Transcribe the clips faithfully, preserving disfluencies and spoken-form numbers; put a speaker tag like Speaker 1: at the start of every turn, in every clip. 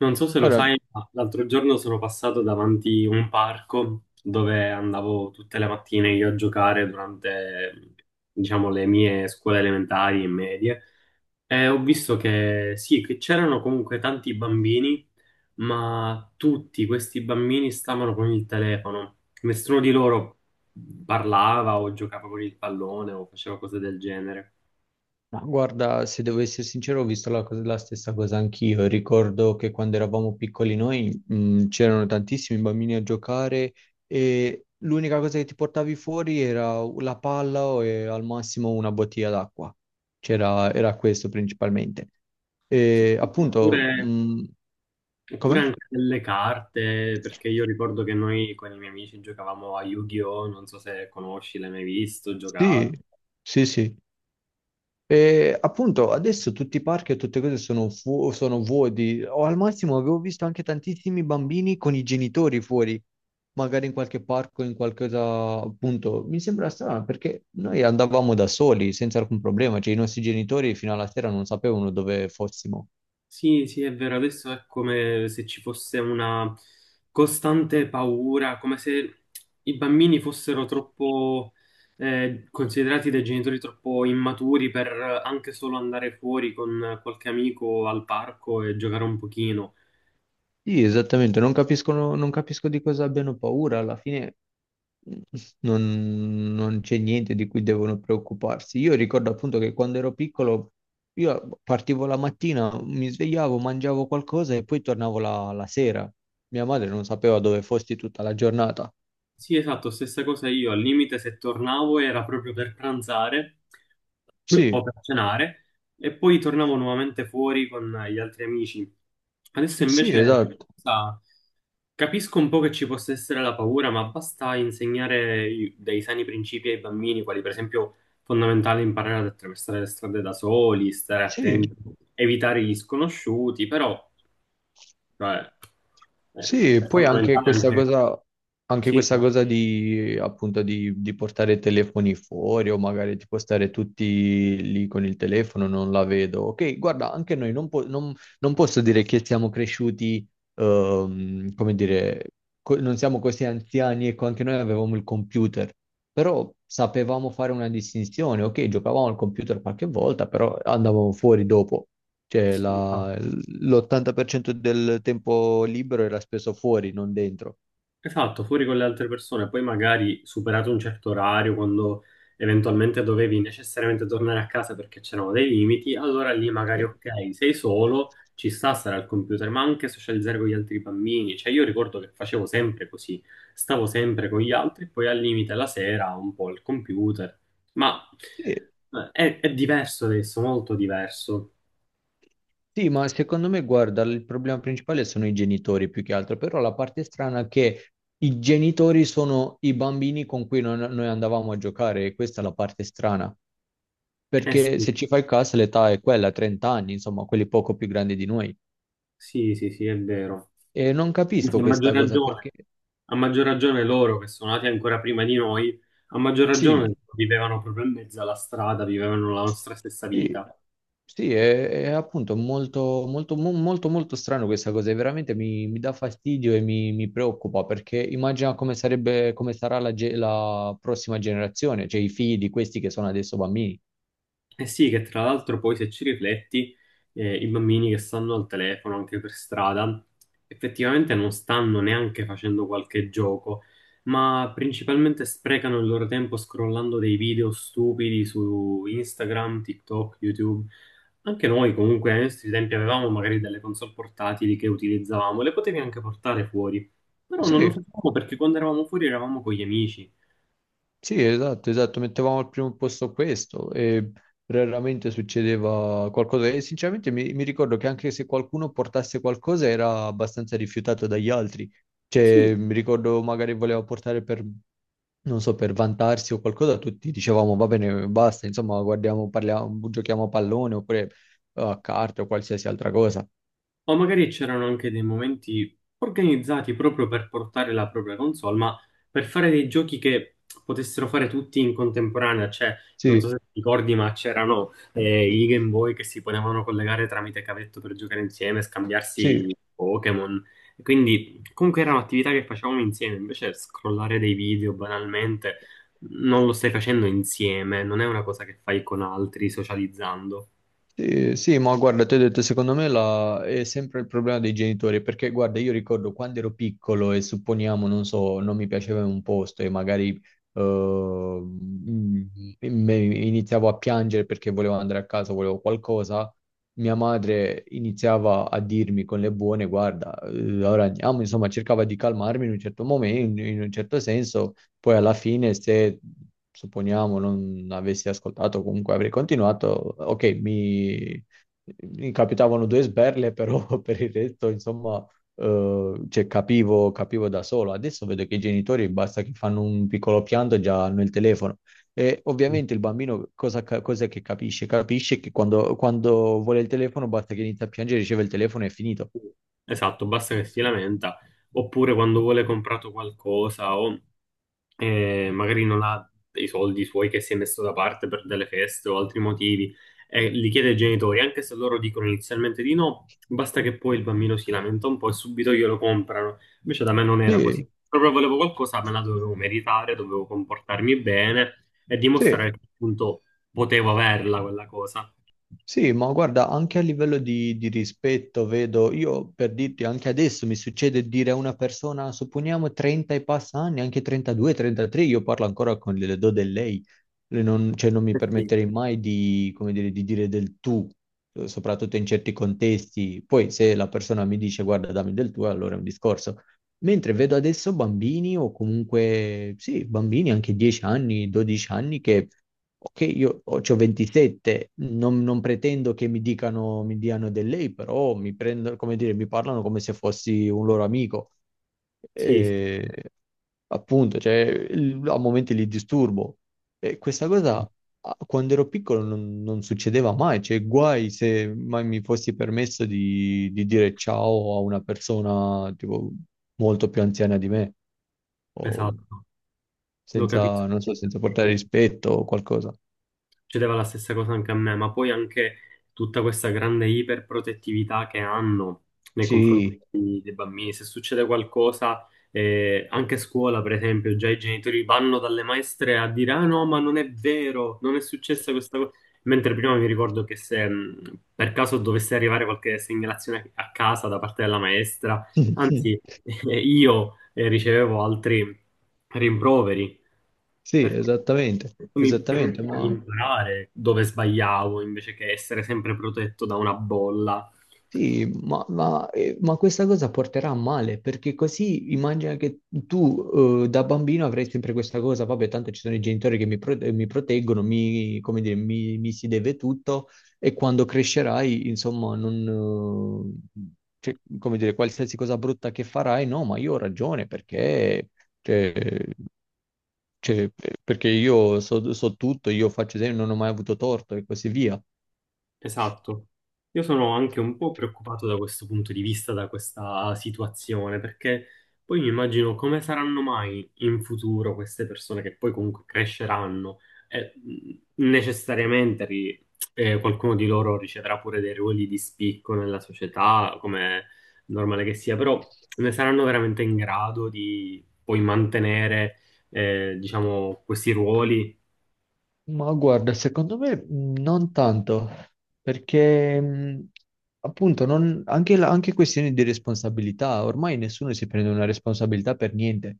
Speaker 1: Non so se lo
Speaker 2: Ora,
Speaker 1: sai, ma l'altro giorno sono passato davanti un parco dove andavo tutte le mattine io a giocare durante, diciamo, le mie scuole elementari e medie e ho visto che sì, che c'erano comunque tanti bambini, ma tutti questi bambini stavano con il telefono. Nessuno di loro parlava o giocava con il pallone o faceva cose del genere.
Speaker 2: ma guarda, se devo essere sincero, ho visto la, cosa- la stessa cosa anch'io. Ricordo che quando eravamo piccoli noi, mh, c'erano tantissimi bambini a giocare e l'unica cosa che ti portavi fuori era la palla o e al massimo una bottiglia d'acqua. C'era, era questo principalmente.
Speaker 1: Sì.
Speaker 2: E appunto,
Speaker 1: Oppure
Speaker 2: mh,
Speaker 1: Oppure
Speaker 2: come?
Speaker 1: anche delle carte, perché io ricordo che noi con i miei amici giocavamo a Yu-Gi-Oh! Non so se conosci, l'hai mai visto, giocato.
Speaker 2: Sì, sì, sì. E appunto adesso tutti i parchi e tutte cose sono, fu- sono vuoti, o al massimo avevo visto anche tantissimi bambini con i genitori fuori, magari in qualche parco, in qualcosa, appunto, mi sembra strano perché noi andavamo da soli senza alcun problema, cioè i nostri genitori fino alla sera non sapevano dove fossimo.
Speaker 1: Sì, sì, è vero, adesso è come se ci fosse una costante paura, come se i bambini fossero troppo eh, considerati dai genitori troppo immaturi per anche solo andare fuori con qualche amico al parco e giocare un pochino.
Speaker 2: Sì, esattamente, non capiscono, non capisco di cosa abbiano paura, alla fine. mm, non, non c'è niente di cui devono preoccuparsi. Io ricordo appunto che quando ero piccolo io partivo la mattina, mi svegliavo, mangiavo qualcosa e poi tornavo la, la sera. Mia madre non sapeva dove fossi tutta la giornata.
Speaker 1: Sì, esatto, stessa cosa io. Al limite, se tornavo era proprio per pranzare o
Speaker 2: Sì,
Speaker 1: per cenare e poi tornavo nuovamente fuori con gli altri amici. Adesso
Speaker 2: sì,
Speaker 1: invece
Speaker 2: esatto,
Speaker 1: sa, capisco un po' che ci possa essere la paura, ma basta insegnare i- dei sani principi ai bambini, quali per esempio fondamentale imparare ad attraversare le strade da soli, stare attenti,
Speaker 2: sì.
Speaker 1: evitare gli sconosciuti, però cioè, eh,
Speaker 2: Sì, e
Speaker 1: è
Speaker 2: poi anche
Speaker 1: fondamentale
Speaker 2: questa
Speaker 1: anche...
Speaker 2: cosa, anche
Speaker 1: Sì,
Speaker 2: questa cosa di, appunto, di, di portare i telefoni fuori o magari tipo stare tutti lì con il telefono, non la vedo. Ok, guarda, anche noi non, po- non- non posso dire che siamo cresciuti, ehm, come dire, co- non siamo così anziani, ecco, anche noi avevamo il computer, però sapevamo fare una distinzione. Ok, giocavamo al computer qualche volta, però andavamo fuori dopo. Cioè,
Speaker 1: sì,
Speaker 2: la-
Speaker 1: infatti.
Speaker 2: l'ottanta per cento del tempo libero era speso fuori, non dentro.
Speaker 1: Esatto, fuori con le altre persone, poi magari superato un certo orario, quando eventualmente dovevi necessariamente tornare a casa perché c'erano dei limiti, allora lì magari
Speaker 2: Sì.
Speaker 1: ok, sei solo, ci sta stare al computer, ma anche socializzare con gli altri bambini. Cioè io ricordo che facevo sempre così, stavo sempre con gli altri, poi al limite la sera un po' al computer, ma
Speaker 2: Sì,
Speaker 1: eh, è, è diverso adesso, molto diverso.
Speaker 2: sì, ma secondo me, guarda, il problema principale sono i genitori più che altro, però la parte strana è che i genitori sono i bambini con cui non- noi andavamo a giocare, e questa è la parte strana,
Speaker 1: Eh
Speaker 2: perché
Speaker 1: sì,
Speaker 2: se ci fai caso l'età è quella, trenta anni, insomma, quelli poco più grandi di noi.
Speaker 1: sì, sì, sì, è vero.
Speaker 2: E non
Speaker 1: Anzi,
Speaker 2: capisco
Speaker 1: a maggior
Speaker 2: questa cosa perché,
Speaker 1: ragione. A maggior ragione loro che sono nati ancora prima di noi, a maggior
Speaker 2: sì.
Speaker 1: ragione vivevano proprio in mezzo alla strada, vivevano la nostra stessa
Speaker 2: Sì,
Speaker 1: vita.
Speaker 2: sì, è, è appunto molto, molto, mo- molto, molto strano questa cosa, e veramente mi, mi dà fastidio e mi, mi preoccupa perché immagina come sarebbe, come sarà la, ge- la prossima generazione, cioè i figli di questi che sono adesso bambini.
Speaker 1: Eh sì, che tra l'altro poi se ci rifletti, eh, i bambini che stanno al telefono anche per strada, effettivamente non stanno neanche facendo qualche gioco, ma principalmente sprecano il loro tempo scrollando dei video stupidi su Instagram, TikTok, YouTube. Anche noi comunque ai nostri tempi avevamo magari delle console portatili che utilizzavamo, le potevi anche portare fuori, però non lo
Speaker 2: Sì.
Speaker 1: facevamo perché quando eravamo fuori eravamo con gli amici.
Speaker 2: Sì, esatto, esatto, mettevamo al primo posto questo e raramente succedeva qualcosa e sinceramente mi, mi ricordo che anche se qualcuno portasse qualcosa era abbastanza rifiutato dagli altri, cioè
Speaker 1: Sì.
Speaker 2: mi ricordo magari voleva portare per, non so, per vantarsi o qualcosa, tutti dicevamo va bene, basta, insomma, guardiamo, parliamo, giochiamo a pallone oppure eh, a carte o qualsiasi altra cosa.
Speaker 1: O magari c'erano anche dei momenti organizzati proprio per portare la propria console, ma per fare dei giochi che potessero fare tutti in contemporanea, cioè, non so
Speaker 2: Sì,
Speaker 1: se ti ricordi, ma c'erano eh, i Game Boy che si potevano collegare tramite cavetto per giocare insieme,
Speaker 2: sì.
Speaker 1: scambiarsi Pokémon. Quindi comunque era un'attività che facevamo insieme, invece scrollare dei video banalmente non lo stai facendo insieme, non è una cosa che fai con altri socializzando.
Speaker 2: Sì, sì, ma guarda, ti ho detto, secondo me la- è sempre il problema dei genitori, perché guarda, io ricordo quando ero piccolo e supponiamo, non so, non mi piaceva un posto e magari eh, mm, me- iniziavo a piangere perché volevo andare a casa, volevo qualcosa, mia madre iniziava a dirmi con le buone, guarda, eh, ora andiamo, insomma, cercava di calmarmi in un certo momento, in in un certo senso. Poi alla fine, se supponiamo non avessi ascoltato, comunque avrei continuato, ok, mi, mi capitavano due sberle, però per il resto, insomma, eh, cioè, capivo, capivo da solo. Adesso vedo che i genitori basta che fanno un piccolo pianto, già hanno il telefono. E ovviamente il bambino cosa, ca- cos'è che capisce? Capisce che quando, quando vuole il telefono basta che inizia a piangere, riceve il telefono e è finito.
Speaker 1: Esatto, basta che si lamenta, oppure quando vuole comprato qualcosa o eh, magari non ha dei soldi suoi che si è messo da parte per delle feste o altri motivi e li chiede ai genitori, anche se loro dicono inizialmente di no, basta che poi il bambino si lamenta un po' e subito glielo comprano. Invece da me non era così.
Speaker 2: Sì,
Speaker 1: Proprio volevo qualcosa, me la dovevo meritare, dovevo comportarmi bene e
Speaker 2: sì.
Speaker 1: dimostrare che appunto potevo averla quella cosa.
Speaker 2: Sì, ma guarda, anche a livello di, di rispetto, vedo, io per dirti, anche adesso mi succede dire a una persona, supponiamo trenta e passa anni, anche trentadue, trentatré, io parlo ancora con le do del lei. Le Non, cioè, non mi
Speaker 1: Eh sì,
Speaker 2: permetterei mai di, come dire, di dire del tu, eh, soprattutto in certi contesti. Poi se la persona mi dice guarda, dammi del tu, allora è un discorso. Mentre vedo adesso bambini o comunque, sì, bambini anche dieci anni, dodici anni che, ok, io ho, c'ho ventisette, non, non pretendo che mi dicano, mi diano del lei, però mi prendono, come dire, mi parlano come se fossi un loro amico.
Speaker 1: sì, sì,
Speaker 2: E, appunto, cioè, il- a momenti li disturbo. E questa cosa a- quando ero piccolo non, non succedeva mai, cioè guai se mai mi fossi permesso di, di dire ciao a una persona tipo molto più anziana di me, o
Speaker 1: esatto, lo capisco.
Speaker 2: senza, non so, senza portare rispetto o qualcosa.
Speaker 1: Succedeva la stessa cosa anche a me, ma poi anche tutta questa grande iperprotettività che hanno nei confronti
Speaker 2: Sì.
Speaker 1: dei bambini. Se succede qualcosa, eh, anche a scuola, per esempio, già i genitori vanno dalle maestre a dire: Ah no, ma non è vero, non è successa questa cosa. Mentre prima mi ricordo che se mh, per caso dovesse arrivare qualche segnalazione a casa da parte della maestra, anzi, io eh, ricevevo altri rimproveri
Speaker 2: Sì,
Speaker 1: perché
Speaker 2: esattamente,
Speaker 1: questo mi
Speaker 2: esattamente,
Speaker 1: permetteva di
Speaker 2: ma...
Speaker 1: imparare dove sbagliavo invece che essere sempre protetto da una bolla.
Speaker 2: Sì, ma, ma- eh, ma questa cosa porterà a male, perché così immagina che tu eh, da bambino avrai sempre questa cosa, vabbè, tanto ci sono i genitori che mi, pro- eh, mi proteggono, mi, come dire, mi, mi si deve tutto e quando crescerai, insomma, non, eh, cioè, come dire, qualsiasi cosa brutta che farai, no, ma io ho ragione perché, cioè, cioè, perché io so, so tutto, io faccio sempre, non ho mai avuto torto e così via.
Speaker 1: Esatto. Io sono anche un po' preoccupato da questo punto di vista, da questa situazione, perché poi mi immagino come saranno mai in futuro queste persone che poi comunque cresceranno e mh, necessariamente ri- eh, qualcuno di loro riceverà pure dei ruoli di spicco nella società, come è normale che sia, però ne saranno veramente in grado di poi mantenere, eh, diciamo, questi ruoli?
Speaker 2: Ma guarda, secondo me mh, non tanto, perché mh, appunto non- anche, la- anche questioni di responsabilità, ormai nessuno si prende una responsabilità per niente.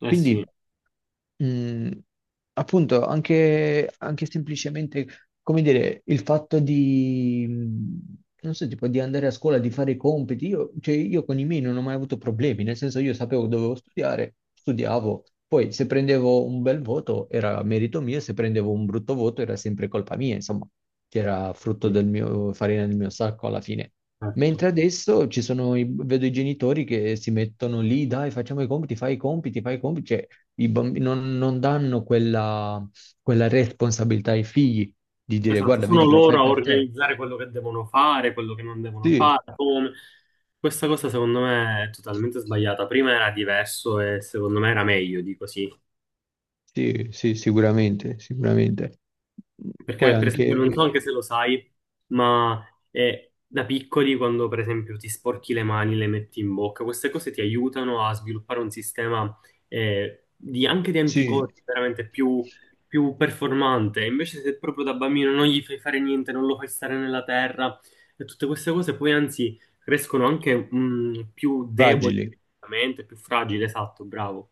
Speaker 1: Eh sì,
Speaker 2: Quindi. Mm, appunto, anche, anche semplicemente, come dire, il fatto di, mm, non so, tipo di andare a scuola, di fare i compiti, io, cioè, io con i miei non ho mai avuto problemi, nel senso io sapevo che dovevo studiare, studiavo, poi se prendevo un bel voto era merito mio, se prendevo un brutto voto era sempre colpa mia, insomma, che era frutto
Speaker 1: sì,
Speaker 2: del mio, farina del mio sacco alla fine.
Speaker 1: certo.
Speaker 2: Mentre adesso ci sono i- vedo i genitori che si mettono lì, dai, facciamo i compiti, fai i compiti, fai i compiti, cioè i bambini non, non danno quella, quella responsabilità ai figli di dire,
Speaker 1: Esatto,
Speaker 2: guarda,
Speaker 1: sono
Speaker 2: vedi che lo
Speaker 1: loro
Speaker 2: fai
Speaker 1: a
Speaker 2: per te.
Speaker 1: organizzare quello che devono fare, quello che non devono
Speaker 2: Sì,
Speaker 1: fare, come. Questa cosa secondo me è totalmente sbagliata. Prima era diverso e secondo me era meglio di così.
Speaker 2: sì, sì, sicuramente, sicuramente. Poi
Speaker 1: Perché, per esempio,
Speaker 2: anche,
Speaker 1: non so anche se lo sai, ma eh, da piccoli, quando per esempio ti sporchi le mani, le metti in bocca, queste cose ti aiutano a sviluppare un sistema eh, di- anche di
Speaker 2: sì,
Speaker 1: anticorpi veramente più, più performante. Invece, se proprio da bambino non gli fai fare niente, non lo fai stare nella terra, e tutte queste cose poi anzi crescono anche mm, più deboli,
Speaker 2: fragili.
Speaker 1: più fragili, esatto, bravo.